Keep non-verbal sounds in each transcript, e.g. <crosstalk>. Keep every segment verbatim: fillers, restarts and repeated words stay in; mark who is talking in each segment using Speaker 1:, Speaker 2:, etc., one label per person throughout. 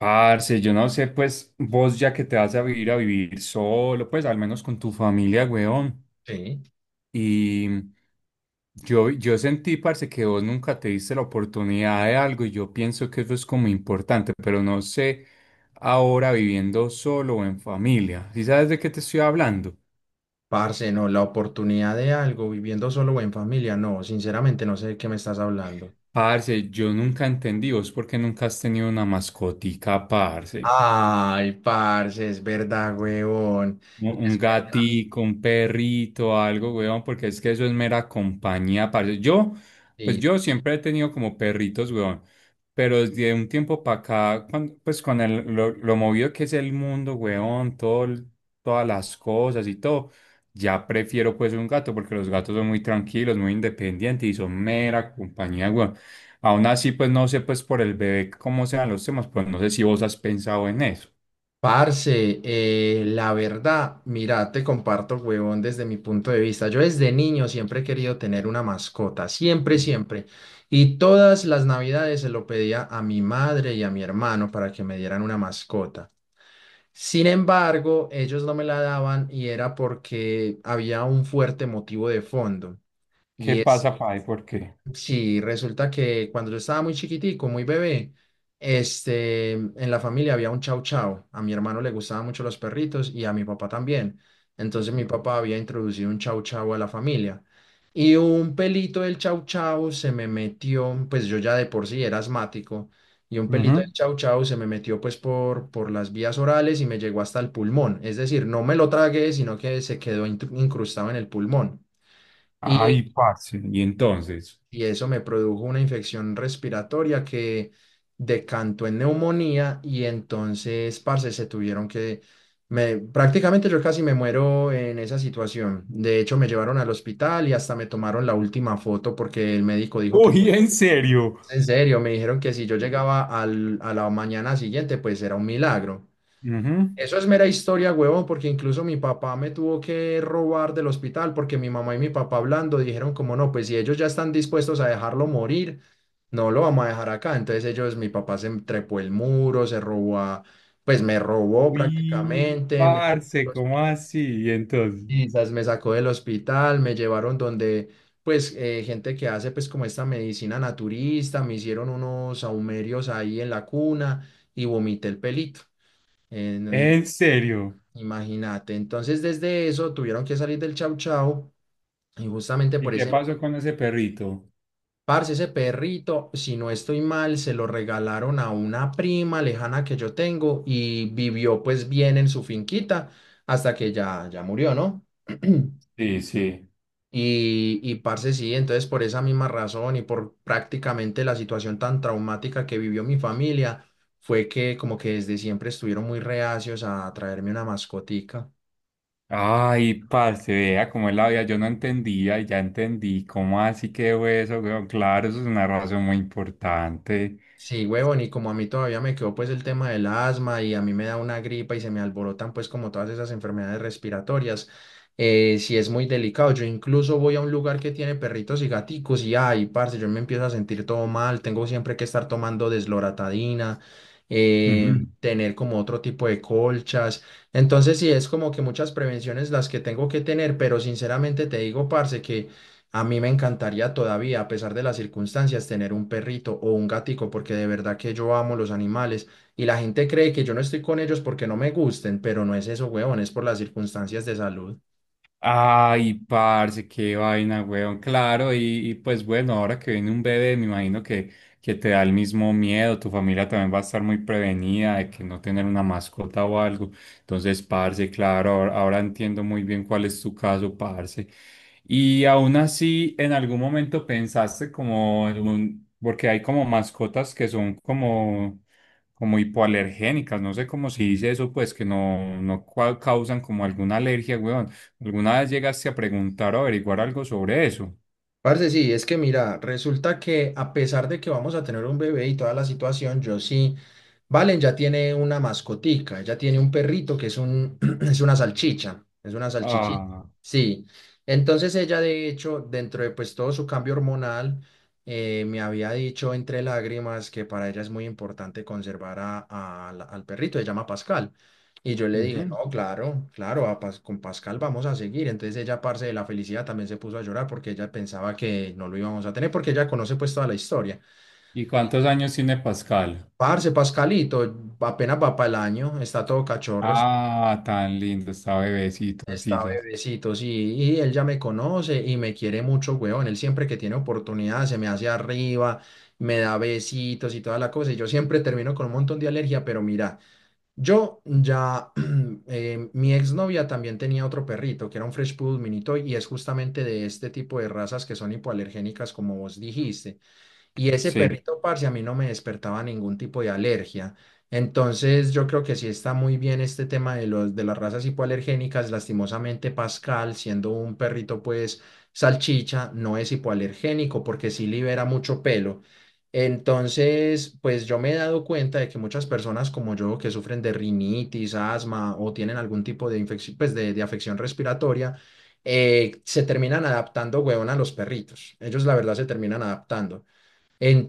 Speaker 1: Parce, yo no sé, pues vos ya que te vas a vivir a vivir solo, pues al menos con tu familia, weón.
Speaker 2: Sí.
Speaker 1: Y yo, yo sentí, parce, que vos nunca te diste la oportunidad de algo y yo pienso que eso es como importante, pero no sé ahora viviendo solo o en familia. ¿Sí sabes de qué te estoy hablando?
Speaker 2: Parce, no, la oportunidad de algo viviendo solo o en familia, no, sinceramente no sé de qué me estás hablando.
Speaker 1: Parce, yo nunca entendí vos por qué nunca has tenido una mascotica, parce.
Speaker 2: Ay, parce, es verdad, huevón.
Speaker 1: Un
Speaker 2: Y
Speaker 1: un
Speaker 2: es verdad.
Speaker 1: gatico, un perrito, algo, weón, porque es que eso es mera compañía, parce. Yo, pues
Speaker 2: Sí.
Speaker 1: yo siempre he tenido como perritos, weón, pero desde un tiempo para acá, cuan- pues con el, lo, lo movido que es el mundo, weón, todo, el- todas las cosas y todo, ya prefiero pues un gato, porque los gatos son muy tranquilos, muy independientes y son mera compañía, weón. Aún así, pues no sé, pues por el bebé, cómo sean los temas, pues no sé si vos has pensado en eso.
Speaker 2: Parce, eh, la verdad, mira, te comparto, huevón, desde mi punto de vista. Yo desde niño siempre he querido tener una mascota, siempre, siempre. Y todas las navidades se lo pedía a mi madre y a mi hermano para que me dieran una mascota. Sin embargo, ellos no me la daban y era porque había un fuerte motivo de fondo.
Speaker 1: ¿Qué
Speaker 2: Y
Speaker 1: pasa, pai? ¿Por qué?
Speaker 2: Sí, resulta que cuando yo estaba muy chiquitico, muy bebé, este, en la familia había un chau chau. A mi hermano le gustaban mucho los perritos y a mi papá también. Entonces mi papá había introducido un chau chau a la familia. Y un pelito del chau chau se me metió, pues yo ya de por sí era asmático, y un pelito del
Speaker 1: Ujú.
Speaker 2: chau chau se me metió pues por, por las vías orales y me llegó hasta el pulmón. Es decir, no me lo tragué, sino que se quedó intru- incrustado en el pulmón.
Speaker 1: Ay,
Speaker 2: Y
Speaker 1: parce. Y entonces.
Speaker 2: y eso me produjo una infección respiratoria que decantó en neumonía y entonces, parce, se tuvieron que, me, prácticamente yo casi me muero en esa situación. De hecho, me llevaron al hospital y hasta me tomaron la última foto porque el médico dijo que,
Speaker 1: Uy, <laughs> en serio.
Speaker 2: en serio, me dijeron que si yo llegaba al, a la mañana siguiente, pues era un milagro.
Speaker 1: Ujú.
Speaker 2: Eso es mera historia, huevón, porque incluso mi papá me tuvo que robar del hospital porque mi mamá y mi papá hablando dijeron como no, pues si ellos ya están dispuestos a dejarlo morir, no lo vamos a dejar acá. Entonces ellos, mi papá se trepó el muro, se robó, a- pues me robó
Speaker 1: Uy,
Speaker 2: prácticamente, me sacó del
Speaker 1: parce, ¿cómo así? Y entonces.
Speaker 2: hospital, me sacó del hospital, me llevaron donde pues eh, gente que hace pues como esta medicina naturista, me hicieron unos saumerios ahí en la cuna y vomité el pelito.
Speaker 1: En serio.
Speaker 2: Imagínate, entonces desde eso tuvieron que salir del chau chau y justamente
Speaker 1: ¿Y
Speaker 2: por
Speaker 1: qué
Speaker 2: ese,
Speaker 1: pasó con ese perrito?
Speaker 2: parce, ese perrito, si no estoy mal, se lo regalaron a una prima lejana que yo tengo y vivió pues bien en su finquita hasta que ya, ya murió, ¿no? <clears throat>
Speaker 1: Sí, sí.
Speaker 2: Y, y parce, sí, entonces por esa misma razón y por prácticamente la situación tan traumática que vivió mi familia, fue que como que desde siempre estuvieron muy reacios a traerme una mascotica.
Speaker 1: Ay, parce, vea cómo es la vida. Yo no entendía y ya entendí. ¿Cómo así quedó eso, weón? Claro, eso es una razón muy importante.
Speaker 2: Sí, huevón, y como a mí todavía me quedó pues el tema del asma y a mí me da una gripa y se me alborotan pues como todas esas enfermedades respiratorias, eh, sí es muy delicado. Yo incluso voy a un lugar que tiene perritos y gaticos y ay, parce, yo me empiezo a sentir todo mal, tengo siempre que estar tomando desloratadina, eh, sí,
Speaker 1: Ujú.
Speaker 2: tener como otro tipo de colchas. Entonces sí es como que muchas prevenciones las que tengo que tener, pero sinceramente te digo, parce, que a mí me encantaría todavía, a pesar de las circunstancias, tener un perrito o un gatico, porque de verdad que yo amo los animales y la gente cree que yo no estoy con ellos porque no me gusten, pero no es eso, huevón, es por las circunstancias de salud.
Speaker 1: Ay, parce, qué vaina, weón. Claro, y, y, pues bueno, ahora que viene un bebé, me imagino que, que te da el mismo miedo. Tu familia también va a estar muy prevenida de que no tener una mascota o algo. Entonces, parce, claro, ahora, ahora entiendo muy bien cuál es tu caso, parce. Y aún así, en algún momento pensaste como en un- porque hay como mascotas que son como, como hipoalergénicas, no sé cómo se dice eso, pues que no, no cua- causan como alguna alergia, weón. ¿Alguna vez llegaste a preguntar o averiguar algo sobre eso?
Speaker 2: Parce, sí, es que mira, resulta que a pesar de que vamos a tener un bebé y toda la situación, yo sí, Valen ya tiene una mascotica, ella tiene un perrito que es un, <clears throat> es una salchicha, es una salchichita,
Speaker 1: Ah,
Speaker 2: sí. Entonces ella de hecho, dentro de pues todo su cambio hormonal, eh, me había dicho entre lágrimas que para ella es muy importante conservar a- a la- al perrito, se llama Pascal. Y yo le dije,
Speaker 1: ujú.
Speaker 2: no, claro, claro, a Pas- con Pascal vamos a seguir. Entonces ella, parce, de la felicidad, también se puso a llorar porque ella pensaba que no lo íbamos a tener, porque ella conoce pues toda la historia.
Speaker 1: ¿Y cuántos años tiene Pascal?
Speaker 2: Parce, Pascalito apenas va para el año, está todo cachorro, está,
Speaker 1: Ah, tan lindo, está bebecito,
Speaker 2: está
Speaker 1: Sisas.
Speaker 2: bebecito, sí, y él ya me conoce y me quiere mucho, weón. Él siempre que tiene oportunidad se me hace arriba, me da besitos y toda la cosa. Y yo siempre termino con un montón de alergia, pero mira. Yo ya, <clears throat> eh, mi exnovia también tenía otro perrito que era un Fresh Poodle Mini Toy y es justamente de este tipo de razas que son hipoalergénicas, como vos dijiste. Y ese
Speaker 1: Sí,
Speaker 2: perrito, parce, a mí no me despertaba ningún tipo de alergia. Entonces, yo creo que sí está muy bien este tema de los, de las razas hipoalergénicas. Lastimosamente, Pascal, siendo un perrito, pues, salchicha, no es hipoalergénico porque sí libera mucho pelo. Entonces, pues yo me he dado cuenta de que muchas personas como yo que sufren de rinitis, asma o tienen algún tipo de infección, pues de, de afección respiratoria, eh, se terminan adaptando, huevón, a los perritos. Ellos, la verdad, se terminan adaptando.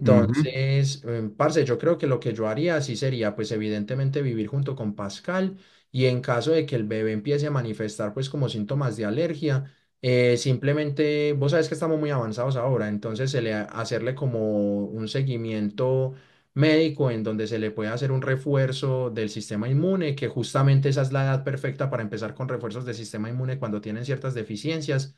Speaker 1: ujú.
Speaker 2: em, parce, yo creo que lo que yo haría sí sería, pues evidentemente vivir junto con Pascal y en caso de que el bebé empiece a manifestar pues como síntomas de alergia, eh, simplemente, vos sabes que estamos muy avanzados ahora, entonces se le ha- hacerle como un seguimiento médico en donde se le puede hacer un refuerzo del sistema inmune, que justamente esa es la edad perfecta para empezar con refuerzos del sistema inmune cuando tienen ciertas deficiencias.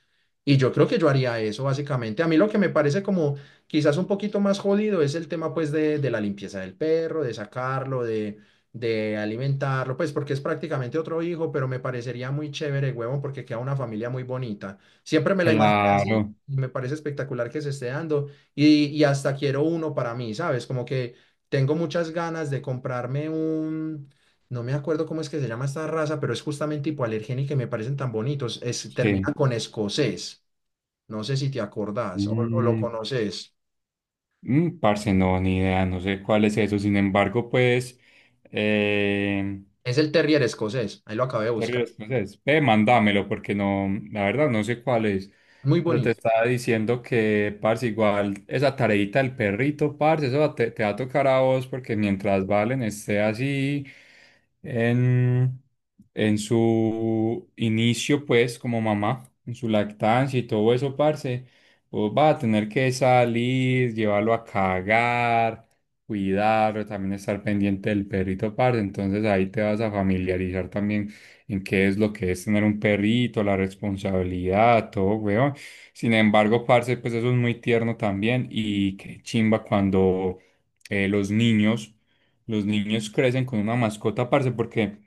Speaker 2: Y yo creo que yo haría eso básicamente. A mí lo que me parece como quizás un poquito más jodido es el tema pues de, de la limpieza del perro, de sacarlo, de, de alimentarlo, pues porque es prácticamente otro hijo, pero me parecería muy chévere, huevón, porque queda una familia muy bonita. Siempre me la imaginé así
Speaker 1: Claro,
Speaker 2: y me parece espectacular que se esté dando y, y hasta quiero uno para mí, ¿sabes? Como que tengo muchas ganas de comprarme un, no me acuerdo cómo es que se llama esta raza, pero es justamente hipoalergénica y me parecen tan bonitos. Es, termina
Speaker 1: sí.
Speaker 2: con escocés, no sé si te acordás o o lo
Speaker 1: Mm,
Speaker 2: conoces.
Speaker 1: mm, parce, no, ni idea, no sé cuál es eso. Sin embargo, pues, eh,
Speaker 2: Es el terrier escocés, ahí lo acabé de
Speaker 1: Correo
Speaker 2: buscar.
Speaker 1: escocés. Ve, mándamelo porque no, la verdad no sé cuál es.
Speaker 2: Muy
Speaker 1: Pero te
Speaker 2: bonito.
Speaker 1: estaba diciendo que, parce, igual esa tareita del perrito, parce, eso va- te, te va a tocar a vos porque mientras Valen esté así en, en su inicio, pues, como mamá, en su lactancia y todo eso, parce, vos vas a tener que salir, llevarlo a cagar, cuidarlo, también estar pendiente del perrito, parce. Entonces ahí te vas a familiarizar también en qué es lo que es tener un perrito, la responsabilidad, todo, weón. Sin embargo, parce, pues eso es muy tierno también y qué chimba cuando eh, los niños, los niños crecen con una mascota, parce, porque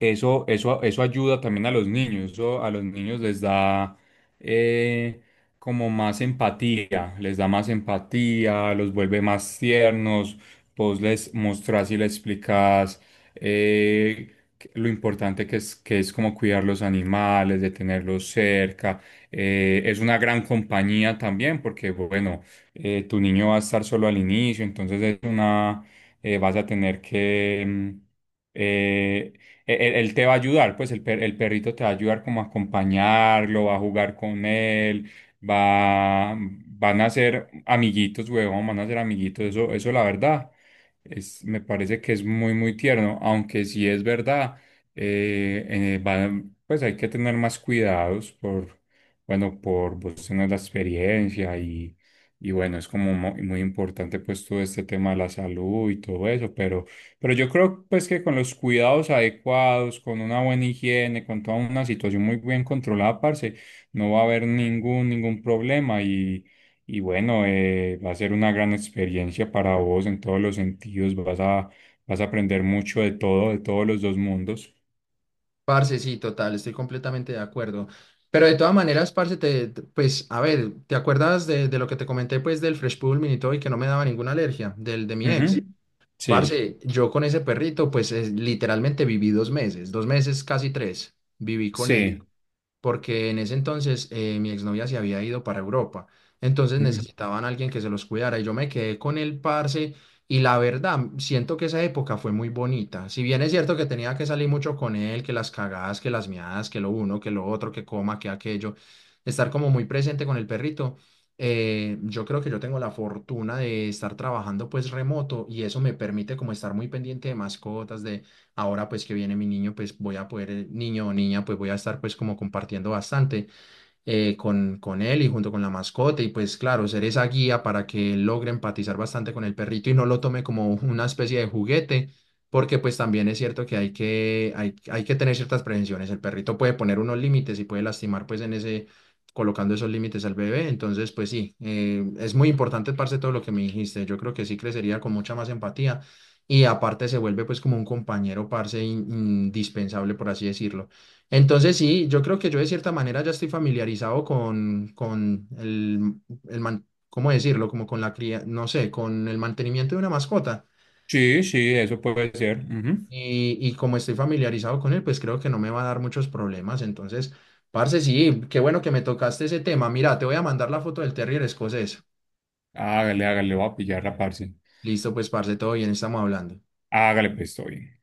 Speaker 1: eso, eso, eso ayuda también a los niños, eso a los niños les da eh, como más empatía, les da más empatía, los vuelve más tiernos, vos les mostrás y les explicás eh, que- lo importante que es, que es como cuidar los animales, de tenerlos cerca. Eh, es una gran compañía también porque, bueno, eh, tu niño va a estar solo al inicio, entonces es una, eh, vas a tener que... mm, eh, él, él te va a ayudar, pues el, per- el perrito te va a ayudar como a acompañarlo, va a jugar con él, va, van a ser amiguitos, huevón, van a ser amiguitos, eso, eso la verdad, es, me parece que es muy, muy tierno, aunque sí es verdad, eh, eh, van- pues hay que tener más cuidados por, bueno, por vos tener la experiencia y, y bueno, es como mo- muy importante pues todo este tema de la salud y todo eso, pero pero yo creo pues que con los cuidados adecuados, con una buena higiene, con toda una situación muy bien controlada, parce, no va a haber ningún, ningún problema y, y bueno, eh, va a ser una gran experiencia para vos en todos los sentidos, vas a, vas a aprender mucho de todo, de todos los dos mundos.
Speaker 2: Parce, sí, total, estoy completamente de acuerdo. Pero de todas maneras, parce, te, te- pues, a ver, ¿te acuerdas de, de lo que te comenté, pues, del Fresh Poodle Mini Toy que no me daba ninguna alergia, del de mi ex? Ujú.
Speaker 1: Ujú. Sí,
Speaker 2: Parce, yo con ese perrito, pues, es- literalmente viví dos meses, dos meses, casi tres, viví con él.
Speaker 1: sí,
Speaker 2: Porque en ese entonces eh, mi exnovia se había ido para Europa, entonces
Speaker 1: ujú.
Speaker 2: necesitaban a alguien que se los cuidara y yo me quedé con el parce y la verdad siento que esa época fue muy bonita, si bien es cierto que tenía que salir mucho con él, que las cagadas, que las miadas, que lo uno, que lo otro, que coma, que aquello, estar como muy presente con el perrito. Eh, yo creo que yo tengo la fortuna de estar trabajando pues remoto y eso me permite como estar muy pendiente de mascotas. Ahora pues que viene mi niño, pues voy a poder, eh, niño o niña, pues voy a estar pues como compartiendo bastante eh, con, con él y junto con la mascota y pues claro, ser esa guía para que él logre empatizar bastante con el perrito y no lo tome como una especie de juguete, porque pues también es cierto que hay que, hay, hay que tener ciertas prevenciones, el perrito puede poner unos límites y puede lastimar pues en ese, colocando esos límites al bebé, entonces pues sí, eh, es muy importante, parce, todo lo que me dijiste, yo creo que sí crecería con mucha más empatía. Y aparte se vuelve pues como un compañero, parce, in- indispensable, por así decirlo. Entonces sí, yo creo que yo de cierta manera ya estoy familiarizado con, con el, el man- ¿cómo decirlo? Como con la cría, no sé, con el mantenimiento de una mascota.
Speaker 1: Sí, sí, eso puede ser. Ujú.
Speaker 2: Y, y como estoy familiarizado con él, pues creo que no me va a dar muchos problemas. Entonces, parce, sí, qué bueno que me tocaste ese tema. Mira, te voy a mandar la foto del terrier escocés.
Speaker 1: Hágale, hágale, voy a pillar la parce.
Speaker 2: Listo, pues, parce, todo bien, estamos hablando.
Speaker 1: Hágale, pues, estoy bien.